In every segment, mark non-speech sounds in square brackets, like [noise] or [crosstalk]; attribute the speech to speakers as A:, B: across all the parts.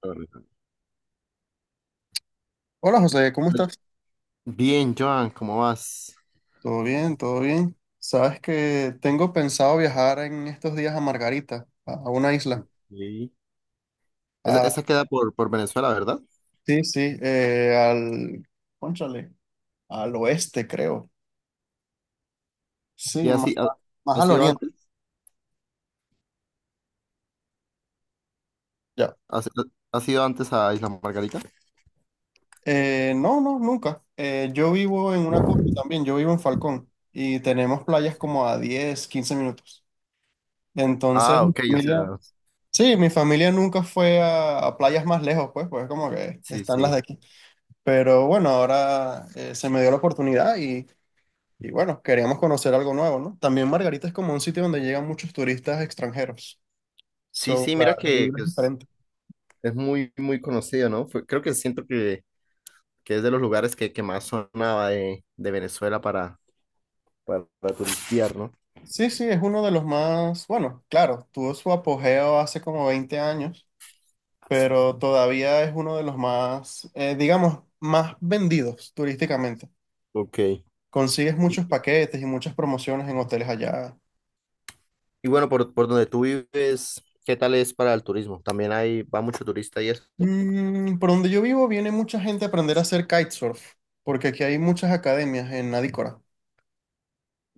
A: Correcto.
B: Hola José, ¿cómo
A: Oye.
B: estás?
A: Bien, Joan, ¿cómo vas?
B: Todo bien, todo bien. Sabes que tengo pensado viajar en estos días a Margarita, a una isla.
A: Ok. Esa,
B: Ah,
A: esa queda por Venezuela, ¿verdad?
B: sí, sí, cónchale, al oeste creo. Sí,
A: ¿Y
B: más,
A: así ha,
B: más- más
A: ha
B: al
A: sido
B: oriente.
A: antes?
B: Ya.
A: ¿Ha, si- Ha sido antes a Isla Margarita?
B: No, no, nunca. Yo vivo en una costa también, yo vivo en Falcón y tenemos playas
A: Sí.
B: como a 10, 15 minutos. Entonces,
A: Ah,
B: mi
A: ok, o
B: familia,
A: sea,
B: sí, mi familia nunca fue a playas más lejos, pues como que
A: sí,
B: están las
A: sí.
B: de aquí. Pero bueno, ahora se me dio la oportunidad y, bueno, queríamos conocer algo nuevo, ¿no? También Margarita es como un sitio donde llegan muchos turistas extranjeros.
A: Sí,
B: So,
A: sí,
B: la,
A: mira
B: la
A: que,
B: vibra
A: que
B: es
A: es,
B: diferente.
A: es muy, muy conocido, ¿no? Creo que siento que es de los lugares que más sonaba de Venezuela para turistear, ¿no?
B: Sí, sí, es uno de los más, bueno, claro, tuvo su apogeo hace como 20 años, pero todavía es uno de los más, digamos, más vendidos turísticamente.
A: Ok.
B: Consigues
A: Y,
B: muchos paquetes y muchas promociones en hoteles allá.
A: y bueno, por donde tú vives, ¿qué tal es para el turismo? ¿También va mucho turista y eso?
B: Por donde yo vivo viene mucha gente a aprender a hacer kitesurf, porque aquí hay muchas academias en Adícora.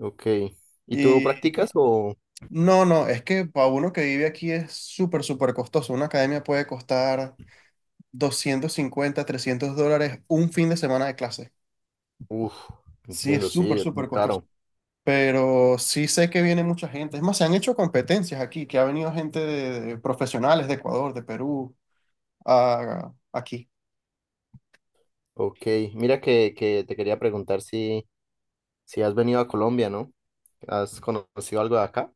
A: Ok. ¿Y tú lo
B: Y
A: practicas o?
B: no, no, es que para uno que vive aquí es súper, súper costoso. Una academia puede costar 250 $300 un fin de semana de clase.
A: Uf,
B: Sí, es
A: entiendo,
B: súper,
A: sí, es muy
B: súper costoso.
A: caro.
B: Pero sí sé que viene mucha gente. Es más, se han hecho competencias aquí, que ha venido gente de profesionales de Ecuador, de Perú, aquí.
A: Ok, mira que te quería preguntar si has venido a Colombia, ¿no? ¿Has conocido algo de acá?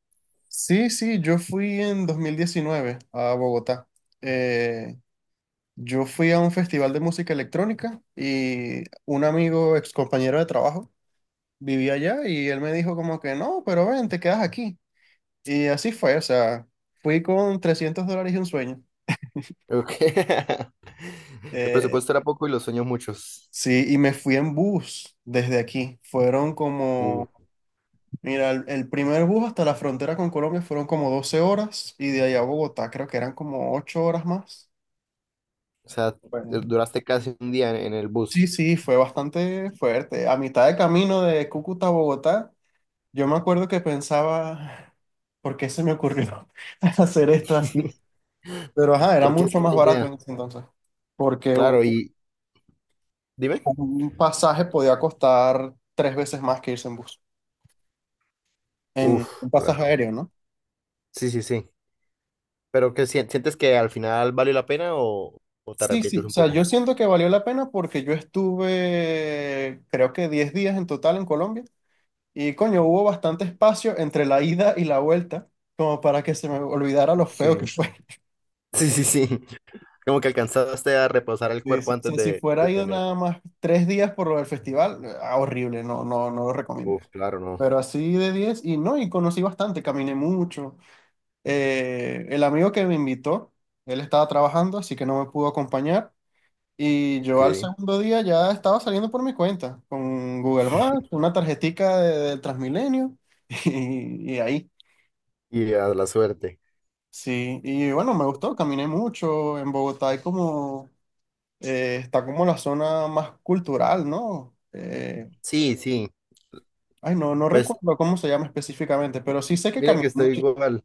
B: Sí, sí, yo fui en 2019 a Bogotá. Eh, yo fui a un festival de música electrónica y un amigo, ex compañero de trabajo, vivía allá y él me dijo como que no, pero ven, te quedas aquí. Y así fue, o sea, fui con $300 y un sueño.
A: Ok. [laughs] El
B: Eh,
A: presupuesto era poco y los sueños muchos.
B: sí, y me fui en bus desde aquí. Fueron
A: Uh,
B: como, mira, el primer bus hasta la frontera con Colombia fueron como 12 horas y de allá a Bogotá creo que eran como 8 horas más.
A: o sea, duraste casi un día en el
B: Sí,
A: bus.
B: sí, fue bastante fuerte. A mitad de camino de Cúcuta a Bogotá, yo me acuerdo que pensaba, ¿por qué se me ocurrió [laughs] hacer esto así?
A: [laughs]
B: Pero ajá, era
A: Porque esa
B: mucho
A: es
B: más
A: la
B: barato en
A: idea.
B: ese entonces, porque un,
A: Claro, y dime.
B: un pasaje podía costar tres veces más que irse en bus, en
A: Uf,
B: un pasaje
A: claro.
B: aéreo, ¿no?
A: Sí, sí, sí. ¿Pero qué sientes que al final valió la pena o te
B: Sí, sí,
A: arrepientes
B: o
A: un
B: sea,
A: poco?
B: yo siento que valió la pena porque yo estuve, creo que 10 días en total en Colombia. Y coño, hubo bastante espacio entre la ida y la vuelta, como para que se me olvidara lo feo que
A: Sí.
B: fue. [laughs]
A: Sí, sí, sí. Como que alcanzaste a reposar el
B: Sí,
A: cuerpo
B: sí. O
A: antes
B: sea, si
A: de
B: fuera ido
A: tener.
B: nada más 3 días por lo del festival, ah, horrible, no, no, no lo recomiendo.
A: Uf, claro, no.
B: Pero así de 10 y no, y conocí bastante, caminé mucho. El amigo que me invitó, él estaba trabajando, así que no me pudo acompañar. Y yo al
A: Ok.
B: segundo día ya estaba saliendo por mi cuenta, con Google Maps,
A: [laughs]
B: una tarjetica del Transmilenio [laughs] y, ahí.
A: Y a la suerte.
B: Sí, y bueno, me gustó, caminé mucho. En Bogotá hay como, está como la zona más cultural, ¿no?
A: Sí, sí.
B: Ay, no, no
A: Pues
B: recuerdo cómo se llama específicamente, pero sí sé que
A: mira
B: caminé
A: que estoy
B: mucho.
A: igual.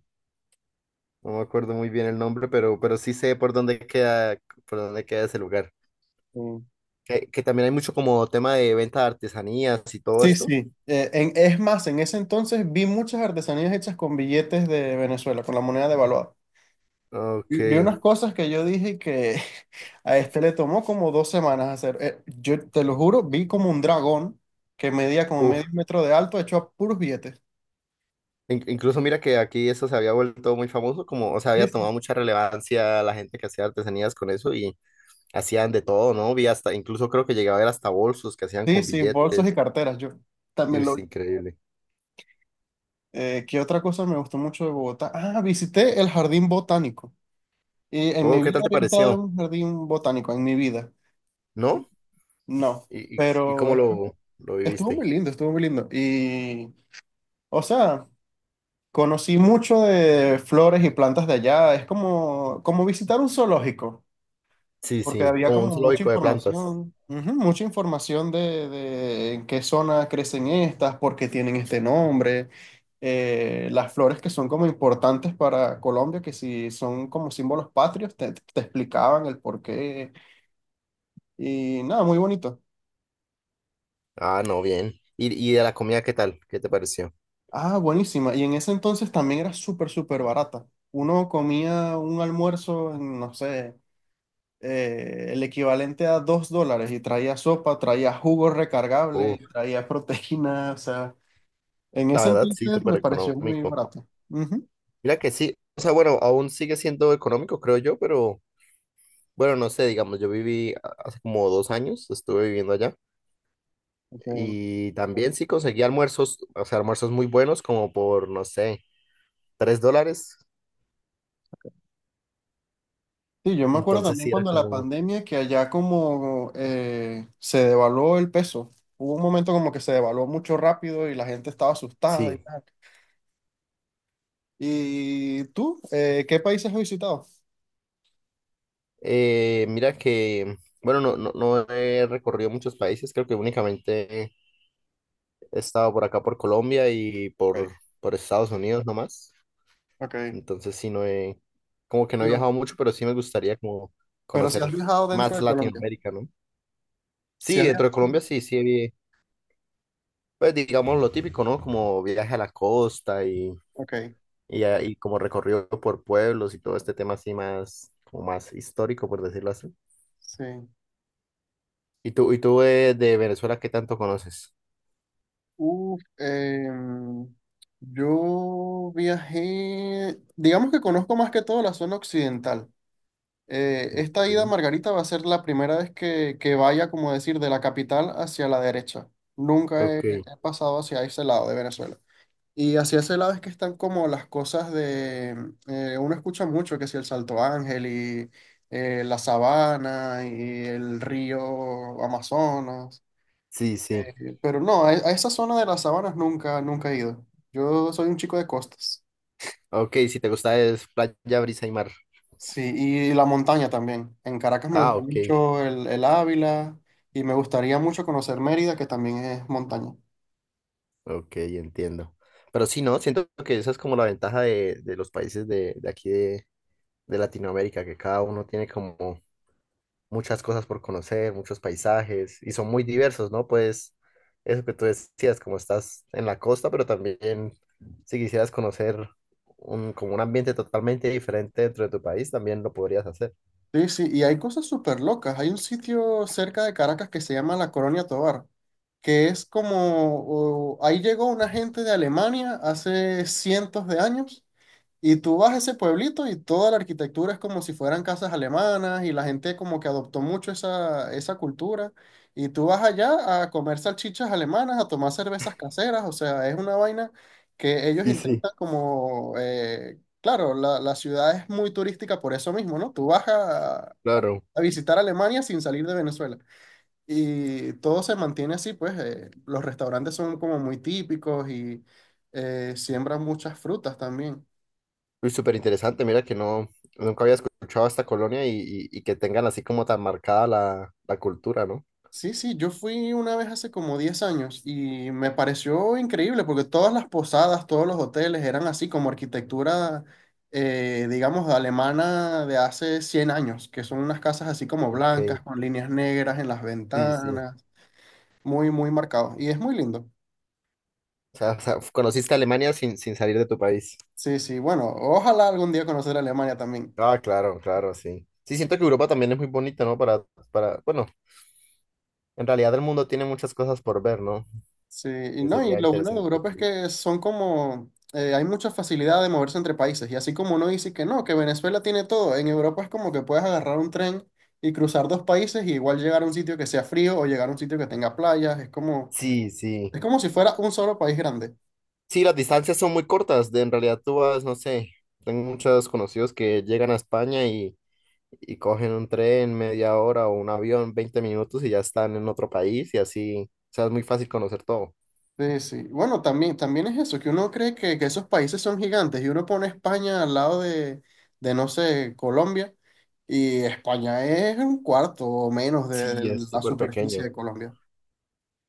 A: No me acuerdo muy bien el nombre, pero, sí sé por dónde queda ese lugar.
B: Mm.
A: Que también hay mucho como tema de venta de artesanías y todo
B: Sí,
A: esto.
B: sí. Es más, en ese entonces vi muchas artesanías hechas con billetes de Venezuela, con la moneda devaluada.
A: Ok.
B: Vi unas cosas que yo dije que [laughs] a este le tomó como 2 semanas hacer. Yo te lo juro, vi como un dragón que medía como
A: Uf.
B: medio metro de alto hecho a puros billetes.
A: Incluso mira que aquí eso se había vuelto muy famoso, como, o sea, había tomado mucha relevancia la gente que hacía artesanías con eso y, hacían de todo, ¿no? Vi hasta, incluso creo que llegaba a ver hasta bolsos que hacían
B: Sí,
A: con
B: sí, bolsos y
A: billetes.
B: carteras, yo también
A: Es
B: lo...
A: increíble.
B: ¿Qué otra cosa me gustó mucho de Bogotá? Ah, visité el jardín botánico. Y en
A: Oh,
B: mi
A: ¿qué tal
B: vida
A: te
B: había estado en
A: pareció?
B: un jardín botánico, en mi vida. Y
A: ¿No?
B: No,
A: ¿Y
B: pero
A: cómo lo
B: estuvo
A: viviste?
B: muy lindo, estuvo muy lindo. Y, o sea, conocí mucho de flores y plantas de allá. Es como, como visitar un zoológico.
A: Sí,
B: Porque
A: sí,
B: había
A: como un
B: como mucha
A: zoológico de plantas.
B: información, ujú, mucha información de en qué zona crecen estas, por qué tienen este nombre, las flores que son como importantes para Colombia, que si son como símbolos patrios, te explicaban el por qué y nada, muy bonito.
A: Ah, no, bien. ¿Y de la comida qué tal? ¿Qué te pareció?
B: Ah, buenísima. Y en ese entonces también era súper, súper barata. Uno comía un almuerzo, no sé, el equivalente a $2 y traía sopa, traía jugo recargable,
A: Uf,
B: traía proteína, o sea, en
A: la
B: ese
A: verdad sí,
B: entonces
A: súper
B: me pareció muy
A: económico.
B: barato. Ujú,
A: Mira que sí, o sea, bueno, aún sigue siendo económico, creo yo, pero bueno, no sé, digamos, yo viví hace como 2 años, estuve viviendo allá
B: ok.
A: y también sí conseguí almuerzos, o sea, almuerzos muy buenos como por, no sé, $3.
B: Sí, yo me acuerdo
A: Entonces
B: también
A: sí era
B: cuando la
A: como,
B: pandemia que allá como se devaluó el peso, hubo un momento como que se devaluó mucho rápido y la gente estaba asustada y
A: sí.
B: tal. ¿Y tú, qué países has visitado?
A: Mira que, bueno, no, no, no he recorrido muchos países, creo que únicamente he estado por acá, por Colombia y
B: Okay,
A: por Estados Unidos nomás.
B: okay.
A: Entonces sí, como que no he
B: Pero,
A: viajado mucho, pero sí me gustaría como
B: pero si has
A: conocer
B: viajado dentro
A: más
B: de Colombia,
A: Latinoamérica, ¿no?
B: si
A: Sí,
B: has
A: dentro de
B: viajado,
A: Colombia sí, sí, pues digamos lo típico, ¿no? Como viaje a la costa y,
B: ok,
A: y, a- y como recorrido por pueblos y todo este tema así más, como más histórico, por decirlo así.
B: sí.
A: y tú de Venezuela qué tanto conoces?
B: Uf, yo viajé, digamos que conozco más que todo la zona occidental. Esta ida a
A: Ok,
B: Margarita va a ser la primera vez que, vaya, como decir, de la capital hacia la derecha. Nunca he,
A: ok,
B: he pasado hacia ese lado de Venezuela. Y hacia ese lado es que están como las cosas uno escucha mucho que si el Salto Ángel y la sabana y el río Amazonas.
A: sí, sí.
B: Pero no, a esa zona de las sabanas nunca, nunca he ido. Yo soy un chico de costas.
A: Ok, si te gusta es playa, brisa y mar.
B: Sí, y la montaña también. En Caracas me gusta
A: Ah, ok,
B: mucho el Ávila y me gustaría mucho conocer Mérida, que también es montaña.
A: ok, entiendo. Pero sí, ¿no? Siento que esa es como la ventaja de los países de aquí de Latinoamérica, que cada uno tiene como muchas cosas por conocer, muchos paisajes, y son muy diversos, ¿no? Pues eso que tú decías, como estás en la costa, pero también si quisieras conocer como un ambiente totalmente diferente dentro de tu país, también lo podrías hacer.
B: Sí, sí, y hay cosas súper locas. Hay un sitio cerca de Caracas que se llama La Colonia Tovar, que es como, ahí llegó una gente de Alemania hace cientos de años. Y tú vas a ese pueblito y toda la arquitectura es como si fueran casas alemanas y la gente como que adoptó mucho esa cultura. Y tú vas allá a comer salchichas alemanas, a tomar cervezas caseras, o sea, es una vaina que ellos
A: Sí, sí,
B: intentan como, claro, la ciudad es muy turística por eso mismo, ¿no? Tú vas a,
A: claro.
B: a visitar Alemania sin salir de Venezuela. Y todo se mantiene así, pues los restaurantes son como muy típicos y siembran muchas frutas también.
A: Uy, súper interesante. Mira que no, nunca había escuchado esta colonia y, y que tengan así como tan marcada la cultura, ¿no?
B: Sí, sí, yo fui una vez hace como 10 años y me pareció increíble porque todas las posadas, todos los hoteles eran así como arquitectura, digamos, alemana de hace 100 años, que son unas casas así como blancas,
A: Ok,
B: con líneas negras en las
A: sí, sí.
B: ventanas, muy, muy marcados. Y es muy lindo.
A: O sea, conociste Alemania sin salir de tu país.
B: Sí, sí, bueno, ojalá algún día conocer Alemania también.
A: Ah, claro, claro, sí. Sí, siento que Europa también es muy bonita, ¿no? Para, bueno, en realidad el mundo tiene muchas cosas por ver, ¿no?
B: Sí, y
A: Que
B: no, y
A: sería
B: lo bueno de
A: interesante
B: Europa es
A: salir.
B: que son como, hay mucha facilidad de moverse entre países, y así como uno dice que no, que Venezuela tiene todo, en Europa es como que puedes agarrar un tren y cruzar dos países y igual llegar a un sitio que sea frío o llegar a un sitio que tenga playas,
A: Sí, sí.
B: es como si fuera un solo país grande.
A: Sí, las distancias son muy cortas. En realidad tú vas, no sé, tengo muchos conocidos que llegan a España y cogen un tren media hora o un avión 20 minutos y ya están en otro país y así, o sea, es muy fácil conocer todo.
B: Sí, sí. Bueno, también, también es eso, que uno cree que, esos países son gigantes y uno pone España al lado de no sé, Colombia, y España es un cuarto o menos de
A: Sí,
B: de
A: es
B: la
A: súper
B: superficie
A: pequeño.
B: de Colombia.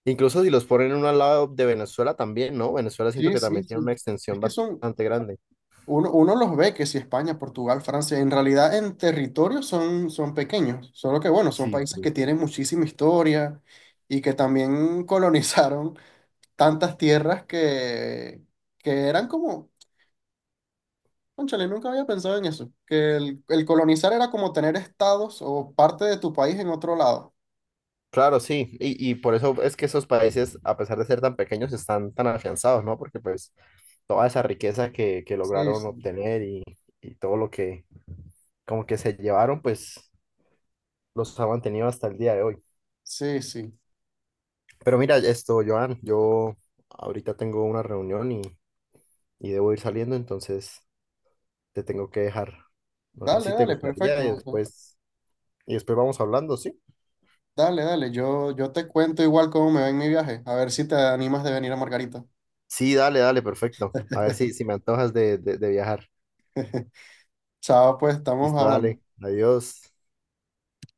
A: Incluso si los ponen uno al lado de Venezuela también, ¿no? Venezuela siento
B: Sí,
A: que
B: sí,
A: también tiene una
B: sí. Es
A: extensión
B: que son,
A: bastante grande.
B: uno los ve que si España, Portugal, Francia, en realidad en territorio son pequeños, solo que bueno, son
A: Sí,
B: países
A: sí.
B: que tienen muchísima historia y que también [laughs] colonizaron tantas tierras que eran como, cónchale, nunca había pensado en eso, que el colonizar era como tener estados o parte de tu país en otro lado.
A: Claro, sí, y por eso es que esos países, a pesar de ser tan pequeños, están tan afianzados, ¿no? Porque pues toda esa riqueza que
B: Sí,
A: lograron
B: sí,
A: obtener y todo lo que como que se llevaron, pues los ha mantenido hasta el día de hoy.
B: sí, sí.
A: Pero mira, esto, Joan, yo ahorita tengo una reunión y debo ir saliendo, entonces te tengo que dejar. No sé
B: Dale,
A: si te
B: dale,
A: gustaría y
B: perfecto.
A: después, y después vamos hablando, ¿sí?
B: Dale, dale, yo te cuento igual cómo me va en mi viaje, a ver si te animas de venir a Margarita.
A: Sí, dale, dale, perfecto. A ver si
B: [laughs]
A: me antojas de viajar.
B: Chao, pues estamos
A: Listo,
B: hablando.
A: dale. Adiós.